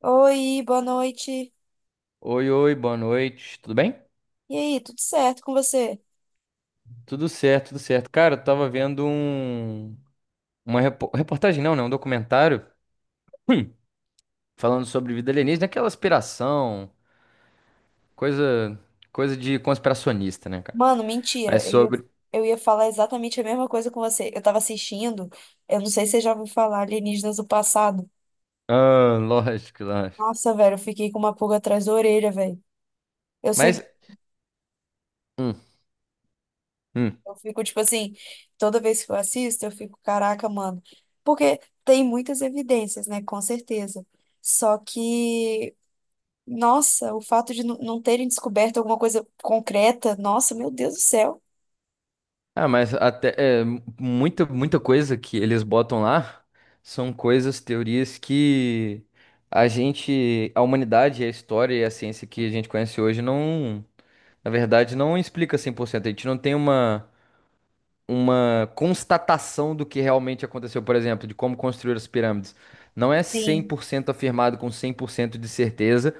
Oi, boa noite. Oi, oi, boa noite. Tudo bem? E aí, tudo certo com você? Tudo certo, tudo certo. Cara, eu tava vendo uma reportagem, não, né? Um documentário hum, falando sobre vida alienígena, aquela aspiração, coisa coisa de conspiracionista, né, cara? Mano, mentira. Mas sobre... Eu ia falar exatamente a mesma coisa com você. Eu tava assistindo, eu não sei se você já ouviu falar Alienígenas do Passado. Ah, lógico, lógico. Nossa, velho, eu fiquei com uma pulga atrás da orelha, velho. Eu Mas sempre, hum, hum. eu fico tipo assim, toda vez que eu assisto, eu fico, caraca, mano. Porque tem muitas evidências, né? Com certeza. Só que, nossa, o fato de não terem descoberto alguma coisa concreta, nossa, meu Deus do céu. Ah, mas até é, muita coisa que eles botam lá são coisas, teorias que a gente, a humanidade, a história e a ciência que a gente conhece hoje não... Na verdade, não explica 100%. A gente não tem uma constatação do que realmente aconteceu, por exemplo, de como construir as pirâmides. Não é Sim, 100% afirmado com 100% de certeza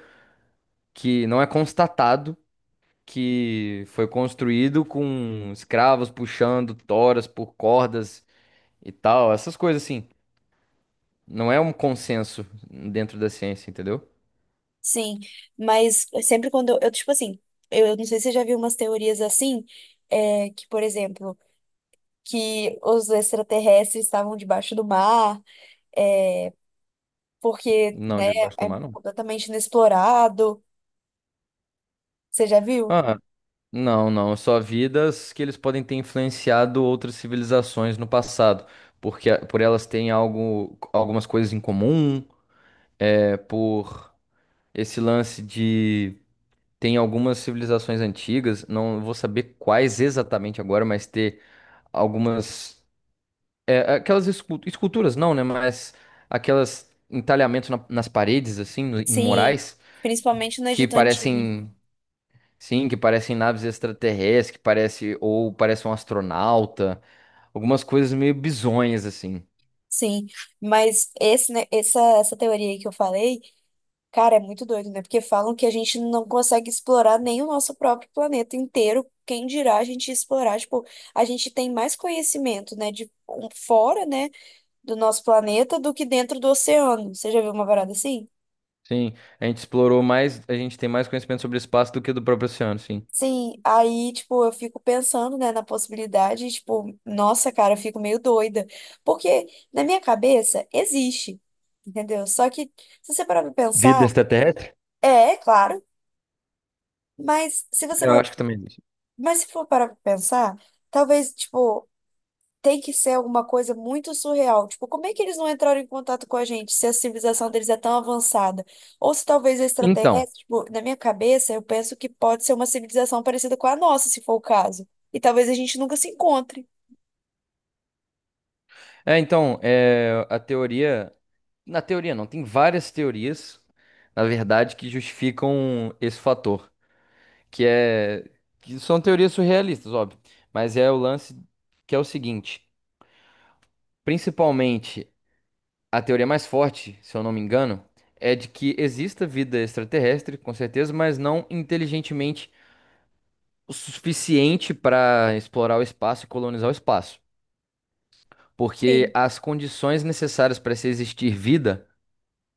que não é constatado, que foi construído com escravos puxando toras por cordas e tal, essas coisas assim. Não é um consenso dentro da ciência, entendeu? sim. Mas sempre quando tipo assim, eu não sei se você já viu umas teorias assim, é, que, por exemplo, que os extraterrestres estavam debaixo do mar, é, porque, Não, né, debaixo do é mar, não. completamente inexplorado. Você já viu? Ah, não, não, só vidas que eles podem ter influenciado outras civilizações no passado, porque por elas têm algo, algumas coisas em comum, é, por esse lance de... tem algumas civilizações antigas, não vou saber quais exatamente agora, mas ter algumas, é, aquelas esculturas, não, né? Mas aquelas entalhamentos nas paredes assim, em Sim, murais principalmente no que Egito Antigo. parecem... Sim, que parecem naves extraterrestres, que parece, ou parece um astronauta, algumas coisas meio bizonhas assim. Sim, mas esse, né, essa teoria aí que eu falei, cara, é muito doido, né? Porque falam que a gente não consegue explorar nem o nosso próprio planeta inteiro. Quem dirá a gente explorar? Tipo, a gente tem mais conhecimento, né, de um- fora, né, do nosso planeta do que dentro do oceano. Você já viu uma parada assim? Sim, a gente explorou mais, a gente tem mais conhecimento sobre espaço do que do próprio oceano, sim. Sim, aí, tipo, eu fico pensando, né, na possibilidade, tipo, nossa, cara, eu fico meio doida. Porque na minha cabeça existe, entendeu? Só que, se você parar pra Vida pensar, extraterrestre? é, claro. Mas se você Eu for, acho que também existe. mas se for parar pra pensar, talvez, tipo, tem que ser alguma coisa muito surreal. Tipo, como é que eles não entraram em contato com a gente se a civilização deles é tão avançada? Ou se talvez Então, extraterrestre, tipo, na minha cabeça, eu penso que pode ser uma civilização parecida com a nossa, se for o caso. E talvez a gente nunca se encontre. Então, é, a teoria, na teoria não, tem várias teorias, na verdade, que justificam esse fator, que é, que são teorias surrealistas, óbvio, mas é o lance que é o seguinte, principalmente... A teoria mais forte, se eu não me engano, é de que exista vida extraterrestre, com certeza, mas não inteligentemente o suficiente para explorar o espaço e colonizar o espaço. Porque Sim, as condições necessárias para se existir vida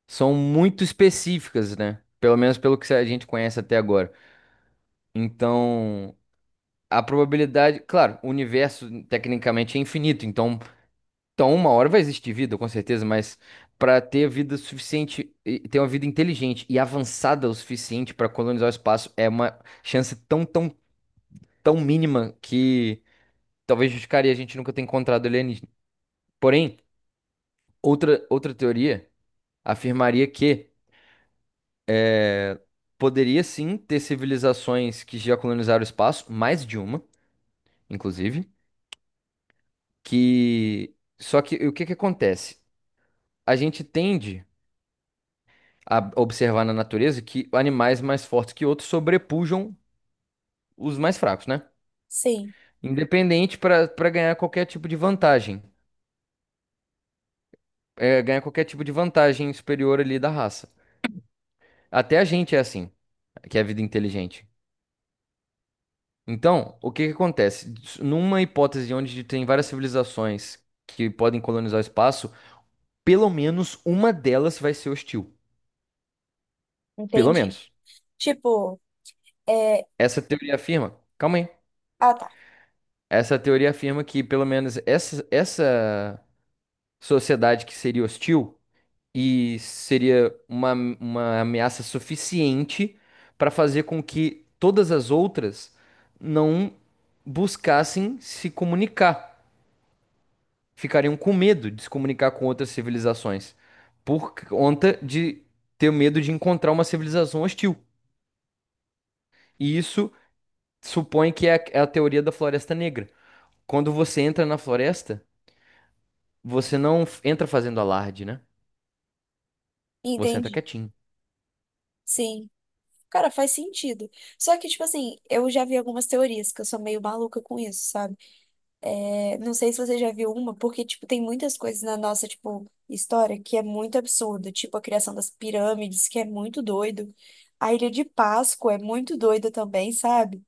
são muito específicas, né? Pelo menos pelo que a gente conhece até agora. Então, a probabilidade, claro, o universo tecnicamente é infinito, então... Então, uma hora vai existir vida, com certeza, mas para ter vida suficiente, e ter uma vida inteligente e avançada o suficiente para colonizar o espaço, é uma chance tão, tão, tão mínima que talvez justificaria a gente nunca ter encontrado alienígena. Porém, outra teoria afirmaria que poderia sim ter civilizações que já colonizaram o espaço, mais de uma, inclusive, que... só que o que que acontece? A gente tende a observar na natureza que animais mais fortes que outros sobrepujam os mais fracos, né? sim, Independente, para ganhar qualquer tipo de vantagem, é, ganhar qualquer tipo de vantagem superior ali da raça. Até a gente é assim, que é a vida inteligente. Então, o que que acontece? Numa hipótese onde tem várias civilizações que podem colonizar o espaço, pelo menos uma delas vai ser hostil. Pelo entendi. menos. Tipo, é... Essa teoria afirma. Calma aí. Ah, tá, Essa teoria afirma que pelo menos essa sociedade que seria hostil e seria uma ameaça suficiente para fazer com que todas as outras não buscassem se comunicar, ficariam com medo de se comunicar com outras civilizações por conta de ter medo de encontrar uma civilização hostil. E isso supõe que é a, é a teoria da floresta negra. Quando você entra na floresta, você não entra fazendo alarde, né? Você entra entendi. quietinho. Sim. Cara, faz sentido. Só que, tipo assim, eu já vi algumas teorias que eu sou meio maluca com isso, sabe? É, não sei se você já viu uma, porque, tipo, tem muitas coisas na nossa, tipo, história que é muito absurda. Tipo, a criação das pirâmides, que é muito doido. A Ilha de Páscoa é muito doida também, sabe?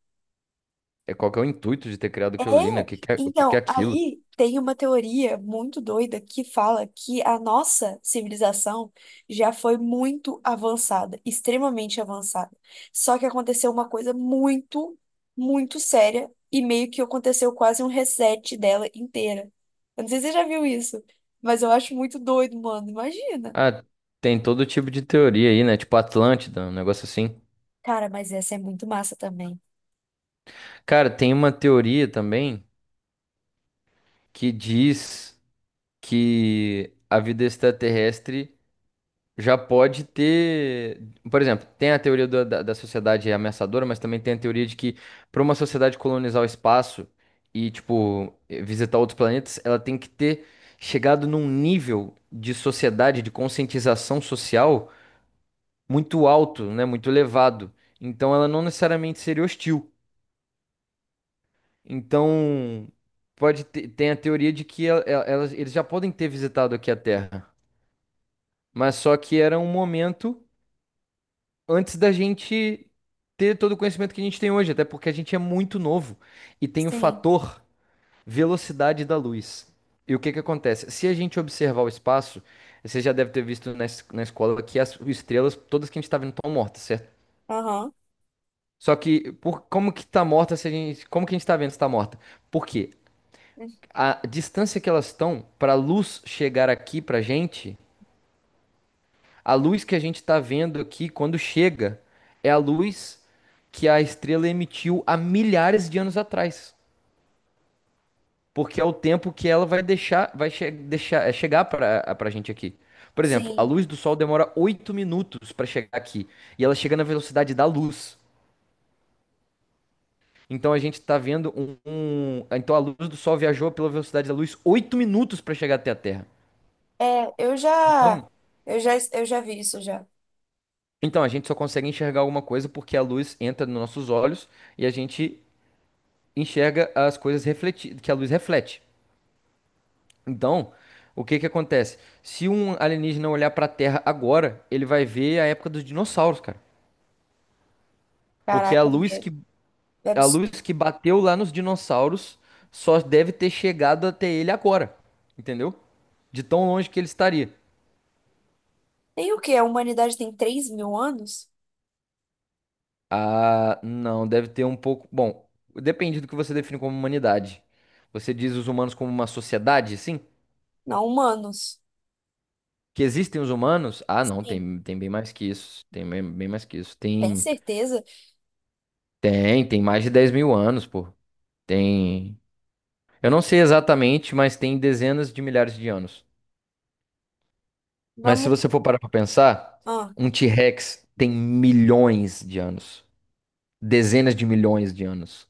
É, qual que é o intuito de ter criado É, aquilo ali, né? O que que é, o que que é então, aquilo? aí tem uma teoria muito doida que fala que a nossa civilização já foi muito avançada, extremamente avançada. Só que aconteceu uma coisa muito, muito séria e meio que aconteceu quase um reset dela inteira. Eu não sei se você já viu isso, mas eu acho muito doido, mano. Imagina. Ah, tem todo tipo de teoria aí, né? Tipo Atlântida, um negócio assim. Cara, mas essa é muito massa também. Cara, tem uma teoria também que diz que a vida extraterrestre já pode ter... Por exemplo, tem a teoria da sociedade ameaçadora, mas também tem a teoria de que para uma sociedade colonizar o espaço e, tipo, visitar outros planetas, ela tem que ter chegado num nível de sociedade, de conscientização social muito alto, né? Muito elevado. Então ela não necessariamente seria hostil. Então pode ter, tem a teoria de que elas, eles já podem ter visitado aqui a Terra, mas só que era um momento antes da gente ter todo o conhecimento que a gente tem hoje, até porque a gente é muito novo e tem o Sim. fator velocidade da luz. E o que que acontece? Se a gente observar o espaço, você já deve ter visto na, na escola que as estrelas, todas que a gente está vendo, estão mortas, certo? Aham. Só que por... como que tá morta? Se a gente... como que a gente tá vendo se tá morta? Porque a distância que elas estão para a luz chegar aqui pra gente, a luz que a gente tá vendo aqui quando chega é a luz que a estrela emitiu há milhares de anos atrás, porque é o tempo que ela vai deixar, vai che deixar, é, chegar para para gente aqui. Por exemplo, a Sim. luz do sol demora 8 minutos para chegar aqui e ela chega na velocidade da luz. Então a gente tá vendo Então a luz do Sol viajou pela velocidade da luz 8 minutos para chegar até a Terra. É, eu já, Então, eu já vi isso já. então a gente só consegue enxergar alguma coisa porque a luz entra nos nossos olhos e a gente enxerga as coisas refleti que a luz reflete. Então, o que que acontece? Se um alienígena olhar para a Terra agora, ele vai ver a época dos dinossauros, cara. Porque Caraca, é, é a absurdo. luz que bateu lá nos dinossauros só deve ter chegado até ele agora, entendeu? De tão longe que ele estaria. Tem o quê? A humanidade tem 3.000 anos? Ah, não, deve ter um pouco. Bom, depende do que você define como humanidade. Você diz os humanos como uma sociedade, sim? Não, humanos. Que existem os humanos? Ah, não, Sim, tem, tem bem mais que isso. Tem bem, bem mais que isso. tem Tem, certeza? tem, tem mais de 10.000 anos, pô. Tem. Eu não sei exatamente, mas tem dezenas de milhares de anos. Mas se Vamos. você for parar pra pensar, Ah, um T-Rex tem milhões de anos. Dezenas de milhões de anos.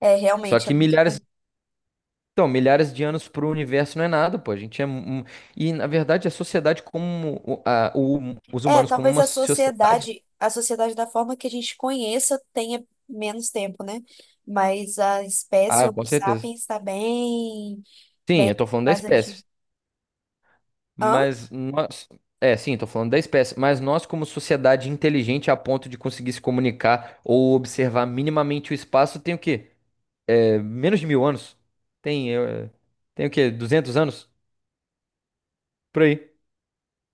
é, Só realmente, é que muito milhares... tempo. Então, milhares de anos para o universo não é nada, pô. A gente é... E, na verdade, a sociedade como... os É, humanos como talvez uma sociedade. A sociedade da forma que a gente conheça tenha menos tempo, né? Mas a espécie Ah, Homo com certeza. sapiens está bem, Sim, bem eu tô falando da mais antiga. espécie. Hã? Mas nós... É, sim, tô falando da espécie. Mas nós, como sociedade inteligente a ponto de conseguir se comunicar ou observar minimamente o espaço, tem o quê? É, menos de 1.000 anos? Tem. É, tem o quê? 200 anos? Por aí.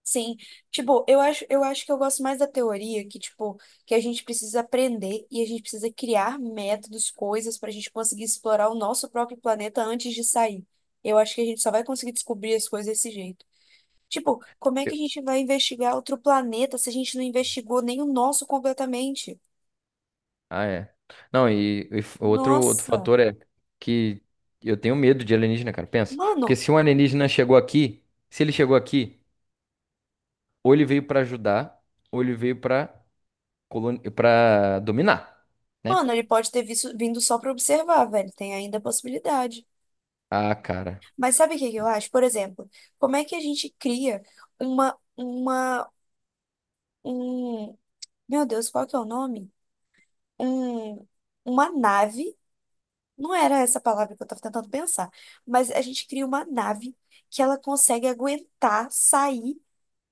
Sim, tipo, eu acho que eu gosto mais da teoria que, tipo, que a gente precisa aprender e a gente precisa criar métodos, coisas para a gente conseguir explorar o nosso próprio planeta antes de sair. Eu acho que a gente só vai conseguir descobrir as coisas desse jeito. Tipo, como é que a gente vai investigar outro planeta se a gente não investigou nem o nosso completamente? Ah, é. Não, e, outro, outro Nossa, fator é que eu tenho medo de alienígena, cara. Pensa. Porque mano, se um alienígena chegou aqui, se ele chegou aqui, ou ele veio pra ajudar, ou ele veio pra... pra dominar, né? mano, ele pode ter visto, vindo só para observar, velho, tem ainda a possibilidade. Ah, cara. Mas sabe o que que eu acho? Por exemplo, como é que a gente cria uma um, meu Deus, qual que é o nome? Um, uma nave, não era essa palavra que eu tava tentando pensar, mas a gente cria uma nave que ela consegue aguentar sair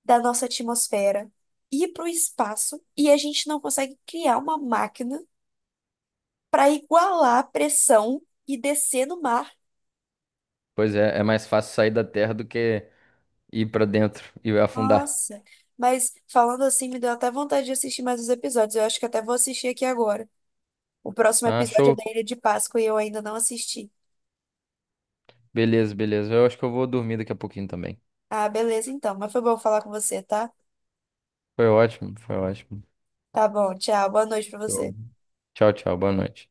da nossa atmosfera, ir para o espaço, e a gente não consegue criar uma máquina para igualar a pressão e descer no mar. Pois é, é mais fácil sair da Terra do que ir pra dentro e afundar. Nossa, mas falando assim, me deu até vontade de assistir mais os episódios. Eu acho que até vou assistir aqui agora. O próximo Ah, episódio é show. da Ilha de Páscoa e eu ainda não assisti. Beleza, beleza. Eu acho que eu vou dormir daqui a pouquinho também. Ah, beleza então. Mas foi bom falar com você, tá? Foi ótimo, foi ótimo. Tá bom, tchau. Boa noite pra Show. você. Tchau, tchau. Boa noite.